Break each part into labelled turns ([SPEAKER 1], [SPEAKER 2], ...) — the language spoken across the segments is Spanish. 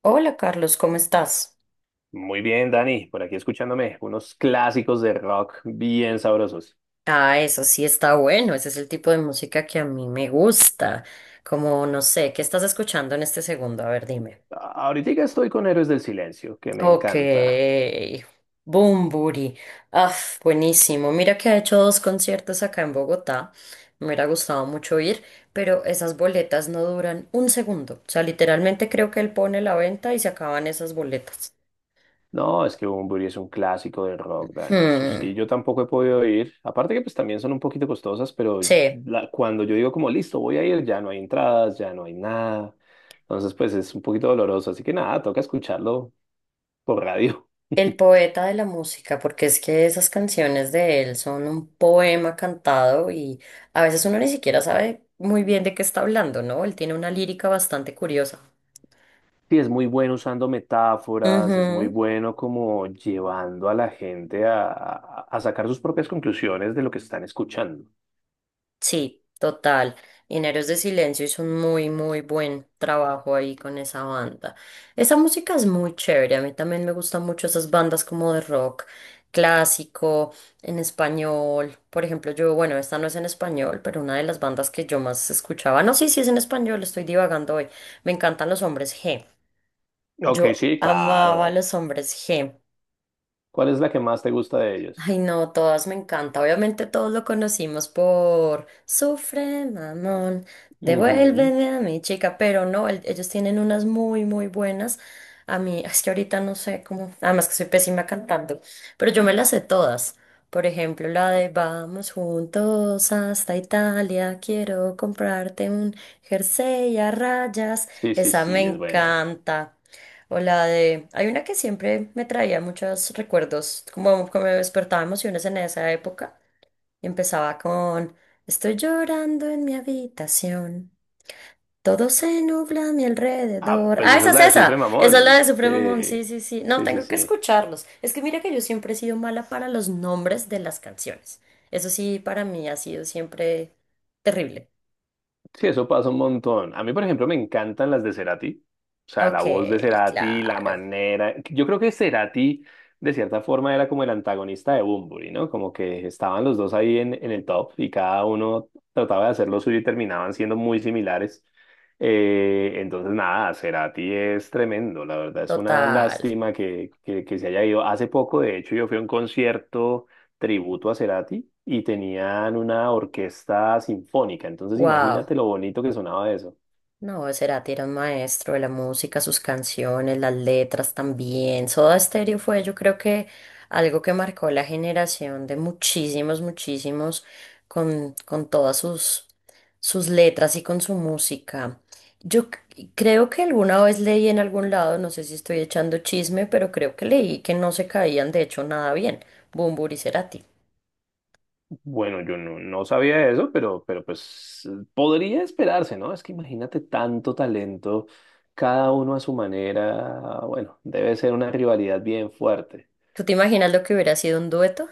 [SPEAKER 1] Hola Carlos, ¿cómo estás?
[SPEAKER 2] Muy bien, Dani, por aquí escuchándome unos clásicos de rock bien sabrosos.
[SPEAKER 1] Ah, eso sí está bueno, ese es el tipo de música que a mí me gusta. Como, no sé, ¿qué estás escuchando en este segundo? A ver, dime.
[SPEAKER 2] Ahorita estoy con Héroes del Silencio, que me
[SPEAKER 1] Ok,
[SPEAKER 2] encanta.
[SPEAKER 1] Bumburi. Ah, Buenísimo. Mira que ha hecho dos conciertos acá en Bogotá. Me hubiera gustado mucho ir, pero esas boletas no duran un segundo. O sea, literalmente creo que él pone la venta y se acaban esas boletas.
[SPEAKER 2] No, es que Bunbury es un clásico del rock, Dani, eso
[SPEAKER 1] Hmm,
[SPEAKER 2] sí, yo tampoco he podido ir. Aparte que pues también son un poquito costosas, pero
[SPEAKER 1] sí.
[SPEAKER 2] cuando yo digo como listo, voy a ir, ya no hay entradas, ya no hay nada. Entonces pues es un poquito doloroso, así que nada, toca escucharlo por radio.
[SPEAKER 1] El poeta de la música, porque es que esas canciones de él son un poema cantado y a veces uno ni siquiera sabe muy bien de qué está hablando, ¿no? Él tiene una lírica bastante curiosa.
[SPEAKER 2] Sí, es muy bueno usando metáforas, es muy
[SPEAKER 1] Ujú.
[SPEAKER 2] bueno como llevando a la gente a sacar sus propias conclusiones de lo que están escuchando.
[SPEAKER 1] Sí, total. Mineros de Silencio hizo un muy, muy buen trabajo ahí con esa banda. Esa música es muy chévere. A mí también me gustan mucho esas bandas como de rock clásico, en español. Por ejemplo, yo, bueno, esta no es en español, pero una de las bandas que yo más escuchaba. No, sí, sí es en español, estoy divagando hoy. Me encantan los hombres G.
[SPEAKER 2] Ok,
[SPEAKER 1] Yo
[SPEAKER 2] sí,
[SPEAKER 1] amaba a
[SPEAKER 2] claro.
[SPEAKER 1] los hombres G.
[SPEAKER 2] ¿Cuál es la que más te gusta de ellos?
[SPEAKER 1] Ay, no, todas me encanta. Obviamente todos lo conocimos por Sufre, mamón,
[SPEAKER 2] Ujú.
[SPEAKER 1] devuélveme a mi chica, pero no, ellos tienen unas muy, muy buenas. A mí, es que ahorita no sé cómo, además que soy pésima cantando, pero yo me las sé todas. Por ejemplo, la de Vamos juntos hasta Italia, quiero comprarte un jersey a rayas.
[SPEAKER 2] Sí, sí,
[SPEAKER 1] Esa me
[SPEAKER 2] sí, es buena.
[SPEAKER 1] encanta. O la de... Hay una que siempre me traía muchos recuerdos, como, como me despertaba emociones en esa época. Y empezaba con... Estoy llorando en mi habitación. Todo se nubla a mi
[SPEAKER 2] Ah,
[SPEAKER 1] alrededor.
[SPEAKER 2] pues
[SPEAKER 1] Ah,
[SPEAKER 2] esa
[SPEAKER 1] esa
[SPEAKER 2] es
[SPEAKER 1] es
[SPEAKER 2] la de Sufre
[SPEAKER 1] esa. Esa es la
[SPEAKER 2] Mamón.
[SPEAKER 1] de Supremo Mon.
[SPEAKER 2] Sí,
[SPEAKER 1] Sí, sí, sí. No,
[SPEAKER 2] sí, sí,
[SPEAKER 1] tengo que
[SPEAKER 2] sí.
[SPEAKER 1] escucharlos. Es que mira que yo siempre he sido mala para los nombres de las canciones. Eso sí, para mí ha sido siempre terrible.
[SPEAKER 2] Sí, eso pasa un montón. A mí, por ejemplo, me encantan las de Cerati. O sea, la
[SPEAKER 1] Ok,
[SPEAKER 2] voz de Cerati, la
[SPEAKER 1] claro.
[SPEAKER 2] manera. Yo creo que Cerati, de cierta forma, era como el antagonista de Bunbury, ¿no? Como que estaban los dos ahí en el top y cada uno trataba de hacer lo suyo y terminaban siendo muy similares. Entonces, nada, Cerati es tremendo, la verdad. Es una
[SPEAKER 1] Total.
[SPEAKER 2] lástima que se haya ido. Hace poco, de hecho, yo fui a un concierto tributo a Cerati y tenían una orquesta sinfónica. Entonces
[SPEAKER 1] Wow.
[SPEAKER 2] imagínate lo bonito que sonaba eso.
[SPEAKER 1] No, Cerati era un maestro de la música, sus canciones, las letras también. Soda Stereo fue, yo creo que algo que marcó la generación de muchísimos, muchísimos con todas sus letras y con su música. Yo creo que alguna vez leí en algún lado, no sé si estoy echando chisme, pero creo que leí que no se caían de hecho nada bien, Bumbur y Cerati.
[SPEAKER 2] Bueno, yo no sabía eso, pero pues podría esperarse, ¿no? Es que imagínate tanto talento, cada uno a su manera. Bueno, debe ser una rivalidad bien fuerte.
[SPEAKER 1] ¿Tú te imaginas lo que hubiera sido un dueto?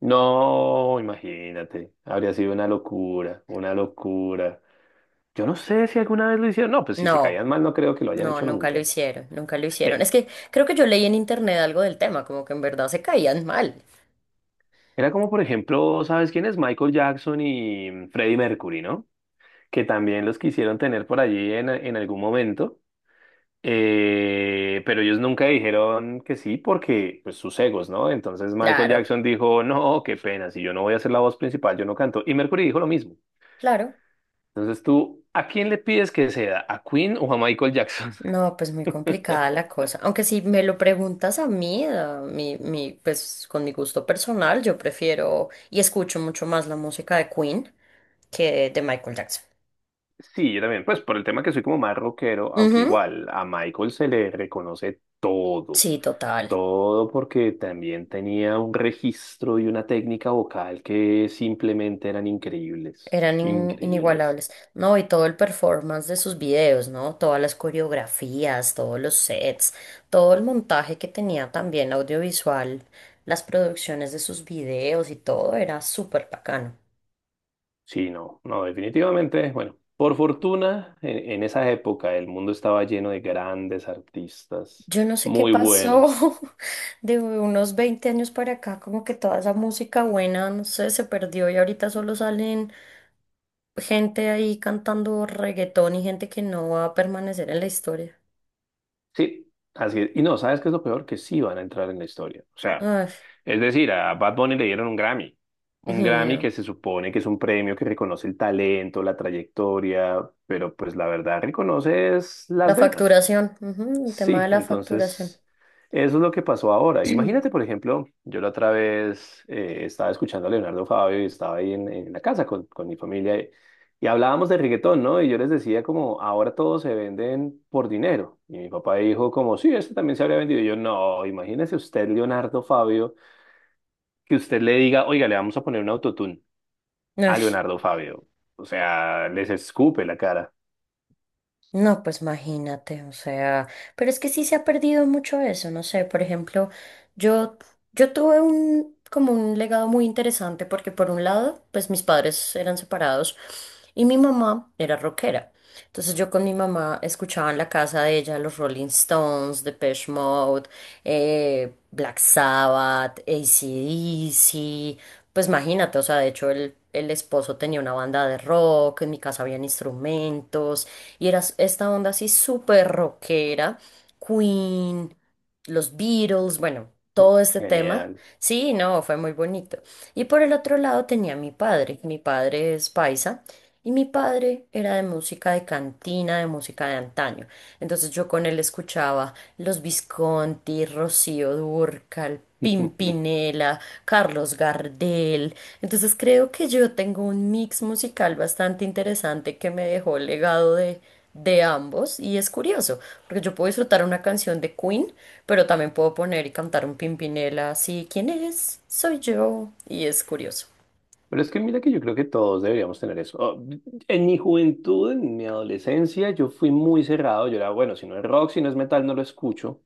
[SPEAKER 2] No, imagínate, habría sido una locura, una locura. Yo no sé si alguna vez lo hicieron. No, pues si se
[SPEAKER 1] No.
[SPEAKER 2] caían mal, no creo que lo hayan
[SPEAKER 1] No,
[SPEAKER 2] hecho
[SPEAKER 1] nunca lo
[SPEAKER 2] nunca.
[SPEAKER 1] hicieron, nunca lo hicieron. Es
[SPEAKER 2] Eh,
[SPEAKER 1] que creo que yo leí en internet algo del tema, como que en verdad se caían mal.
[SPEAKER 2] Era como, por ejemplo, ¿sabes quién es? Michael Jackson y Freddie Mercury, ¿no? Que también los quisieron tener por allí en algún momento, pero ellos nunca dijeron que sí porque, pues, sus egos, ¿no? Entonces Michael
[SPEAKER 1] Claro,
[SPEAKER 2] Jackson dijo, no, qué pena, si yo no voy a ser la voz principal, yo no canto. Y Mercury dijo lo mismo.
[SPEAKER 1] claro.
[SPEAKER 2] Entonces tú, ¿a quién le pides que sea? ¿A Queen o a Michael Jackson?
[SPEAKER 1] No, pues muy complicada la cosa. Aunque si me lo preguntas a mí, pues con mi gusto personal, yo prefiero y escucho mucho más la música de Queen que de Michael Jackson.
[SPEAKER 2] Sí, yo también, pues por el tema que soy como más rockero, aunque
[SPEAKER 1] Ujú.
[SPEAKER 2] igual a Michael se le reconoce todo.
[SPEAKER 1] Sí, total.
[SPEAKER 2] Todo porque también tenía un registro y una técnica vocal que simplemente eran increíbles,
[SPEAKER 1] Eran
[SPEAKER 2] increíbles.
[SPEAKER 1] inigualables. No, y todo el performance de sus videos, ¿no? Todas las coreografías, todos los sets, todo el montaje que tenía también audiovisual, las producciones de sus videos y todo era súper bacano.
[SPEAKER 2] Sí, no, no, definitivamente, bueno, por fortuna, en esa época el mundo estaba lleno de grandes artistas,
[SPEAKER 1] Yo no sé qué
[SPEAKER 2] muy
[SPEAKER 1] pasó
[SPEAKER 2] buenos.
[SPEAKER 1] de unos 20 años para acá, como que toda esa música buena, no sé, se perdió y ahorita solo salen gente ahí cantando reggaetón y gente que no va a permanecer en la historia.
[SPEAKER 2] Sí, así es. Y no, ¿sabes qué es lo peor? Que sí van a entrar en la historia. O sea,
[SPEAKER 1] Ay,
[SPEAKER 2] es decir, a Bad Bunny le dieron un Grammy. Un
[SPEAKER 1] ay,
[SPEAKER 2] Grammy
[SPEAKER 1] no.
[SPEAKER 2] que se supone que es un premio que reconoce el talento, la trayectoria, pero pues la verdad reconoce es
[SPEAKER 1] La
[SPEAKER 2] las ventas.
[SPEAKER 1] facturación, ujú, el tema
[SPEAKER 2] Sí,
[SPEAKER 1] de la facturación.
[SPEAKER 2] entonces eso es lo que pasó ahora. Imagínate, por ejemplo, yo la otra vez estaba escuchando a Leonardo Fabio y estaba ahí en la casa con mi familia y hablábamos de reggaetón, ¿no? Y yo les decía como, ahora todos se venden por dinero. Y mi papá dijo como, sí, este también se habría vendido. Y yo, no, imagínese usted, Leonardo Fabio que usted le diga, oiga, le vamos a poner un autotune a
[SPEAKER 1] Ay,
[SPEAKER 2] Leonardo Fabio. O sea, les escupe la cara.
[SPEAKER 1] no, pues imagínate, o sea, pero es que sí se ha perdido mucho eso, no sé, por ejemplo, yo, yo tuve un, como un legado muy interesante porque por un lado, pues mis padres eran separados y mi mamá era rockera. Entonces yo con mi mamá escuchaba en la casa de ella los Rolling Stones, Depeche Mode, Black Sabbath, AC/DC, pues imagínate, o sea, de hecho el esposo tenía una banda de rock, en mi casa habían instrumentos, y era esta onda así súper rockera, Queen, los Beatles, bueno, todo este tema.
[SPEAKER 2] Genial.
[SPEAKER 1] Sí, no, fue muy bonito. Y por el otro lado tenía a mi padre es paisa, y mi padre era de música de cantina, de música de antaño. Entonces yo con él escuchaba los Visconti, Rocío Dúrcal,
[SPEAKER 2] Pero
[SPEAKER 1] Pimpinela, Carlos Gardel. Entonces creo que yo tengo un mix musical bastante interesante que me dejó el legado de ambos. Y es curioso, porque yo puedo disfrutar una canción de Queen, pero también puedo poner y cantar un Pimpinela así, ¿quién es? Soy yo. Y es curioso.
[SPEAKER 2] es que mira que yo creo que todos deberíamos tener eso. Oh, en mi juventud, en mi adolescencia, yo fui muy cerrado. Yo era, bueno, si no es rock, si no es metal, no lo escucho.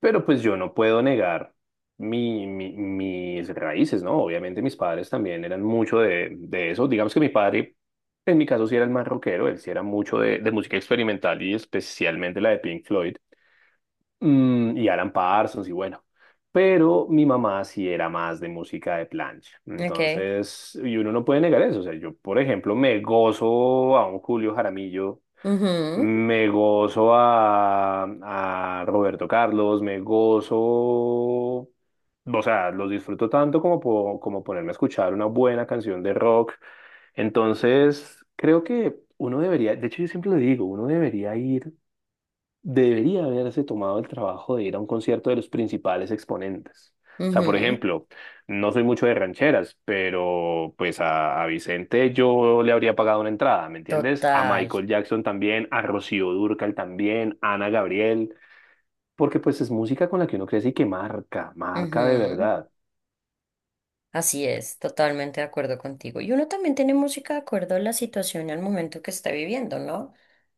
[SPEAKER 2] Pero pues yo no puedo negar mis raíces, ¿no? Obviamente mis padres también eran mucho de eso. Digamos que mi padre, en mi caso, sí era el más rockero. Él sí era mucho de música experimental y especialmente la de Pink Floyd. Y Alan Parsons y bueno. Pero mi mamá sí era más de música de plancha.
[SPEAKER 1] Okay.
[SPEAKER 2] Entonces, y uno no puede negar eso. O sea, yo, por ejemplo, me gozo a un Julio Jaramillo,
[SPEAKER 1] Mhm.
[SPEAKER 2] me gozo a Roberto Carlos, me gozo. O sea, los disfruto tanto como, como ponerme a escuchar una buena canción de rock. Entonces, creo que uno debería, de hecho, yo siempre lo digo, uno debería ir debería haberse tomado el trabajo de ir a un concierto de los principales exponentes. O sea, por
[SPEAKER 1] Mhm.
[SPEAKER 2] ejemplo, no soy mucho de rancheras, pero pues a Vicente yo le habría pagado una entrada, ¿me entiendes? A
[SPEAKER 1] Total.
[SPEAKER 2] Michael Jackson también, a Rocío Dúrcal también, a Ana Gabriel, porque pues es música con la que uno crece y que marca, marca de
[SPEAKER 1] Ujú.
[SPEAKER 2] verdad.
[SPEAKER 1] Así es, totalmente de acuerdo contigo. Y uno también tiene música de acuerdo a la situación y al momento que está viviendo, ¿no?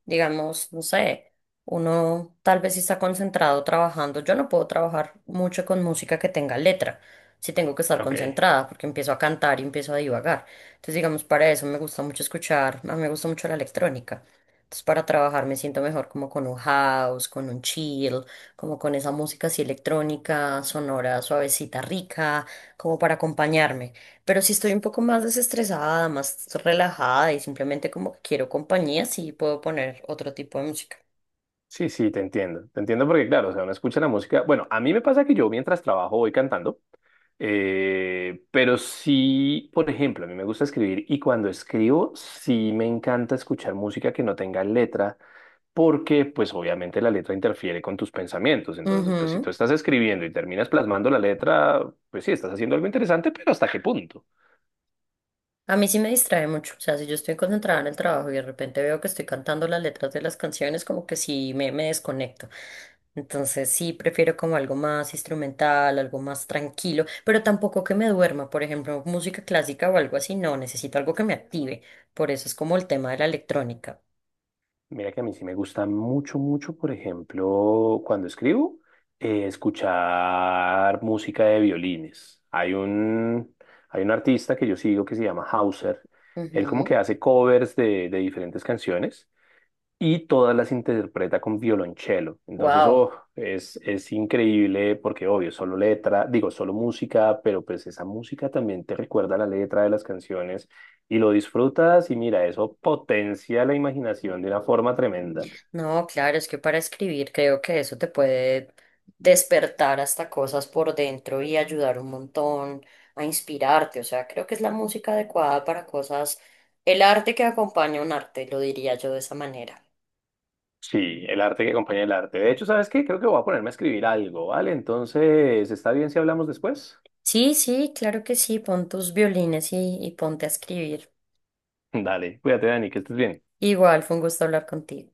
[SPEAKER 1] Digamos, no sé, uno tal vez si está concentrado trabajando. Yo no puedo trabajar mucho con música que tenga letra, si tengo que estar
[SPEAKER 2] Ok.
[SPEAKER 1] concentrada, porque empiezo a cantar y empiezo a divagar. Entonces, digamos, para eso me gusta mucho escuchar, a mí me gusta mucho la electrónica. Entonces, para trabajar me siento mejor como con un house, con un chill, como con esa música así electrónica, sonora, suavecita, rica como para acompañarme. Pero si estoy un poco más desestresada, más relajada y simplemente como que quiero compañía, sí puedo poner otro tipo de música.
[SPEAKER 2] Sí, sí, te entiendo. Te entiendo porque, claro, o sea, uno escucha la música. Bueno, a mí me pasa que yo mientras trabajo voy cantando, pero sí, por ejemplo, a mí me gusta escribir y cuando escribo sí me encanta escuchar música que no tenga letra porque, pues, obviamente la letra interfiere con tus pensamientos. Entonces, pues, si tú
[SPEAKER 1] Ujú.
[SPEAKER 2] estás escribiendo y terminas plasmando la letra, pues sí, estás haciendo algo interesante, pero ¿hasta qué punto?
[SPEAKER 1] A mí sí me distrae mucho. O sea, si yo estoy concentrada en el trabajo y de repente veo que estoy cantando las letras de las canciones, como que sí me desconecto. Entonces sí prefiero como algo más instrumental, algo más tranquilo, pero tampoco que me duerma, por ejemplo, música clásica o algo así, no, necesito algo que me active. Por eso es como el tema de la electrónica.
[SPEAKER 2] Mira que a mí sí me gusta mucho, mucho, por ejemplo, cuando escribo, escuchar música de violines. Hay un artista que yo sigo que se llama Hauser. Él como que hace covers de diferentes canciones y todas las interpreta con violonchelo. Entonces,
[SPEAKER 1] Wow.
[SPEAKER 2] oh, es increíble porque, obvio, solo letra, digo, solo música, pero pues esa música también te recuerda la letra de las canciones y lo disfrutas y mira, eso potencia la imaginación de una forma tremenda.
[SPEAKER 1] No, claro, es que para escribir creo que eso te puede despertar hasta cosas por dentro y ayudar un montón a inspirarte. O sea, creo que es la música adecuada para cosas, el arte que acompaña un arte, lo diría yo de esa manera.
[SPEAKER 2] Sí, el arte que acompaña el arte. De hecho, ¿sabes qué? Creo que voy a ponerme a escribir algo, ¿vale? Entonces, ¿está bien si hablamos después?
[SPEAKER 1] Sí, sí, claro que sí, pon tus violines y ponte a escribir.
[SPEAKER 2] Dale, cuídate, Dani, que estés bien.
[SPEAKER 1] Igual, fue un gusto hablar contigo.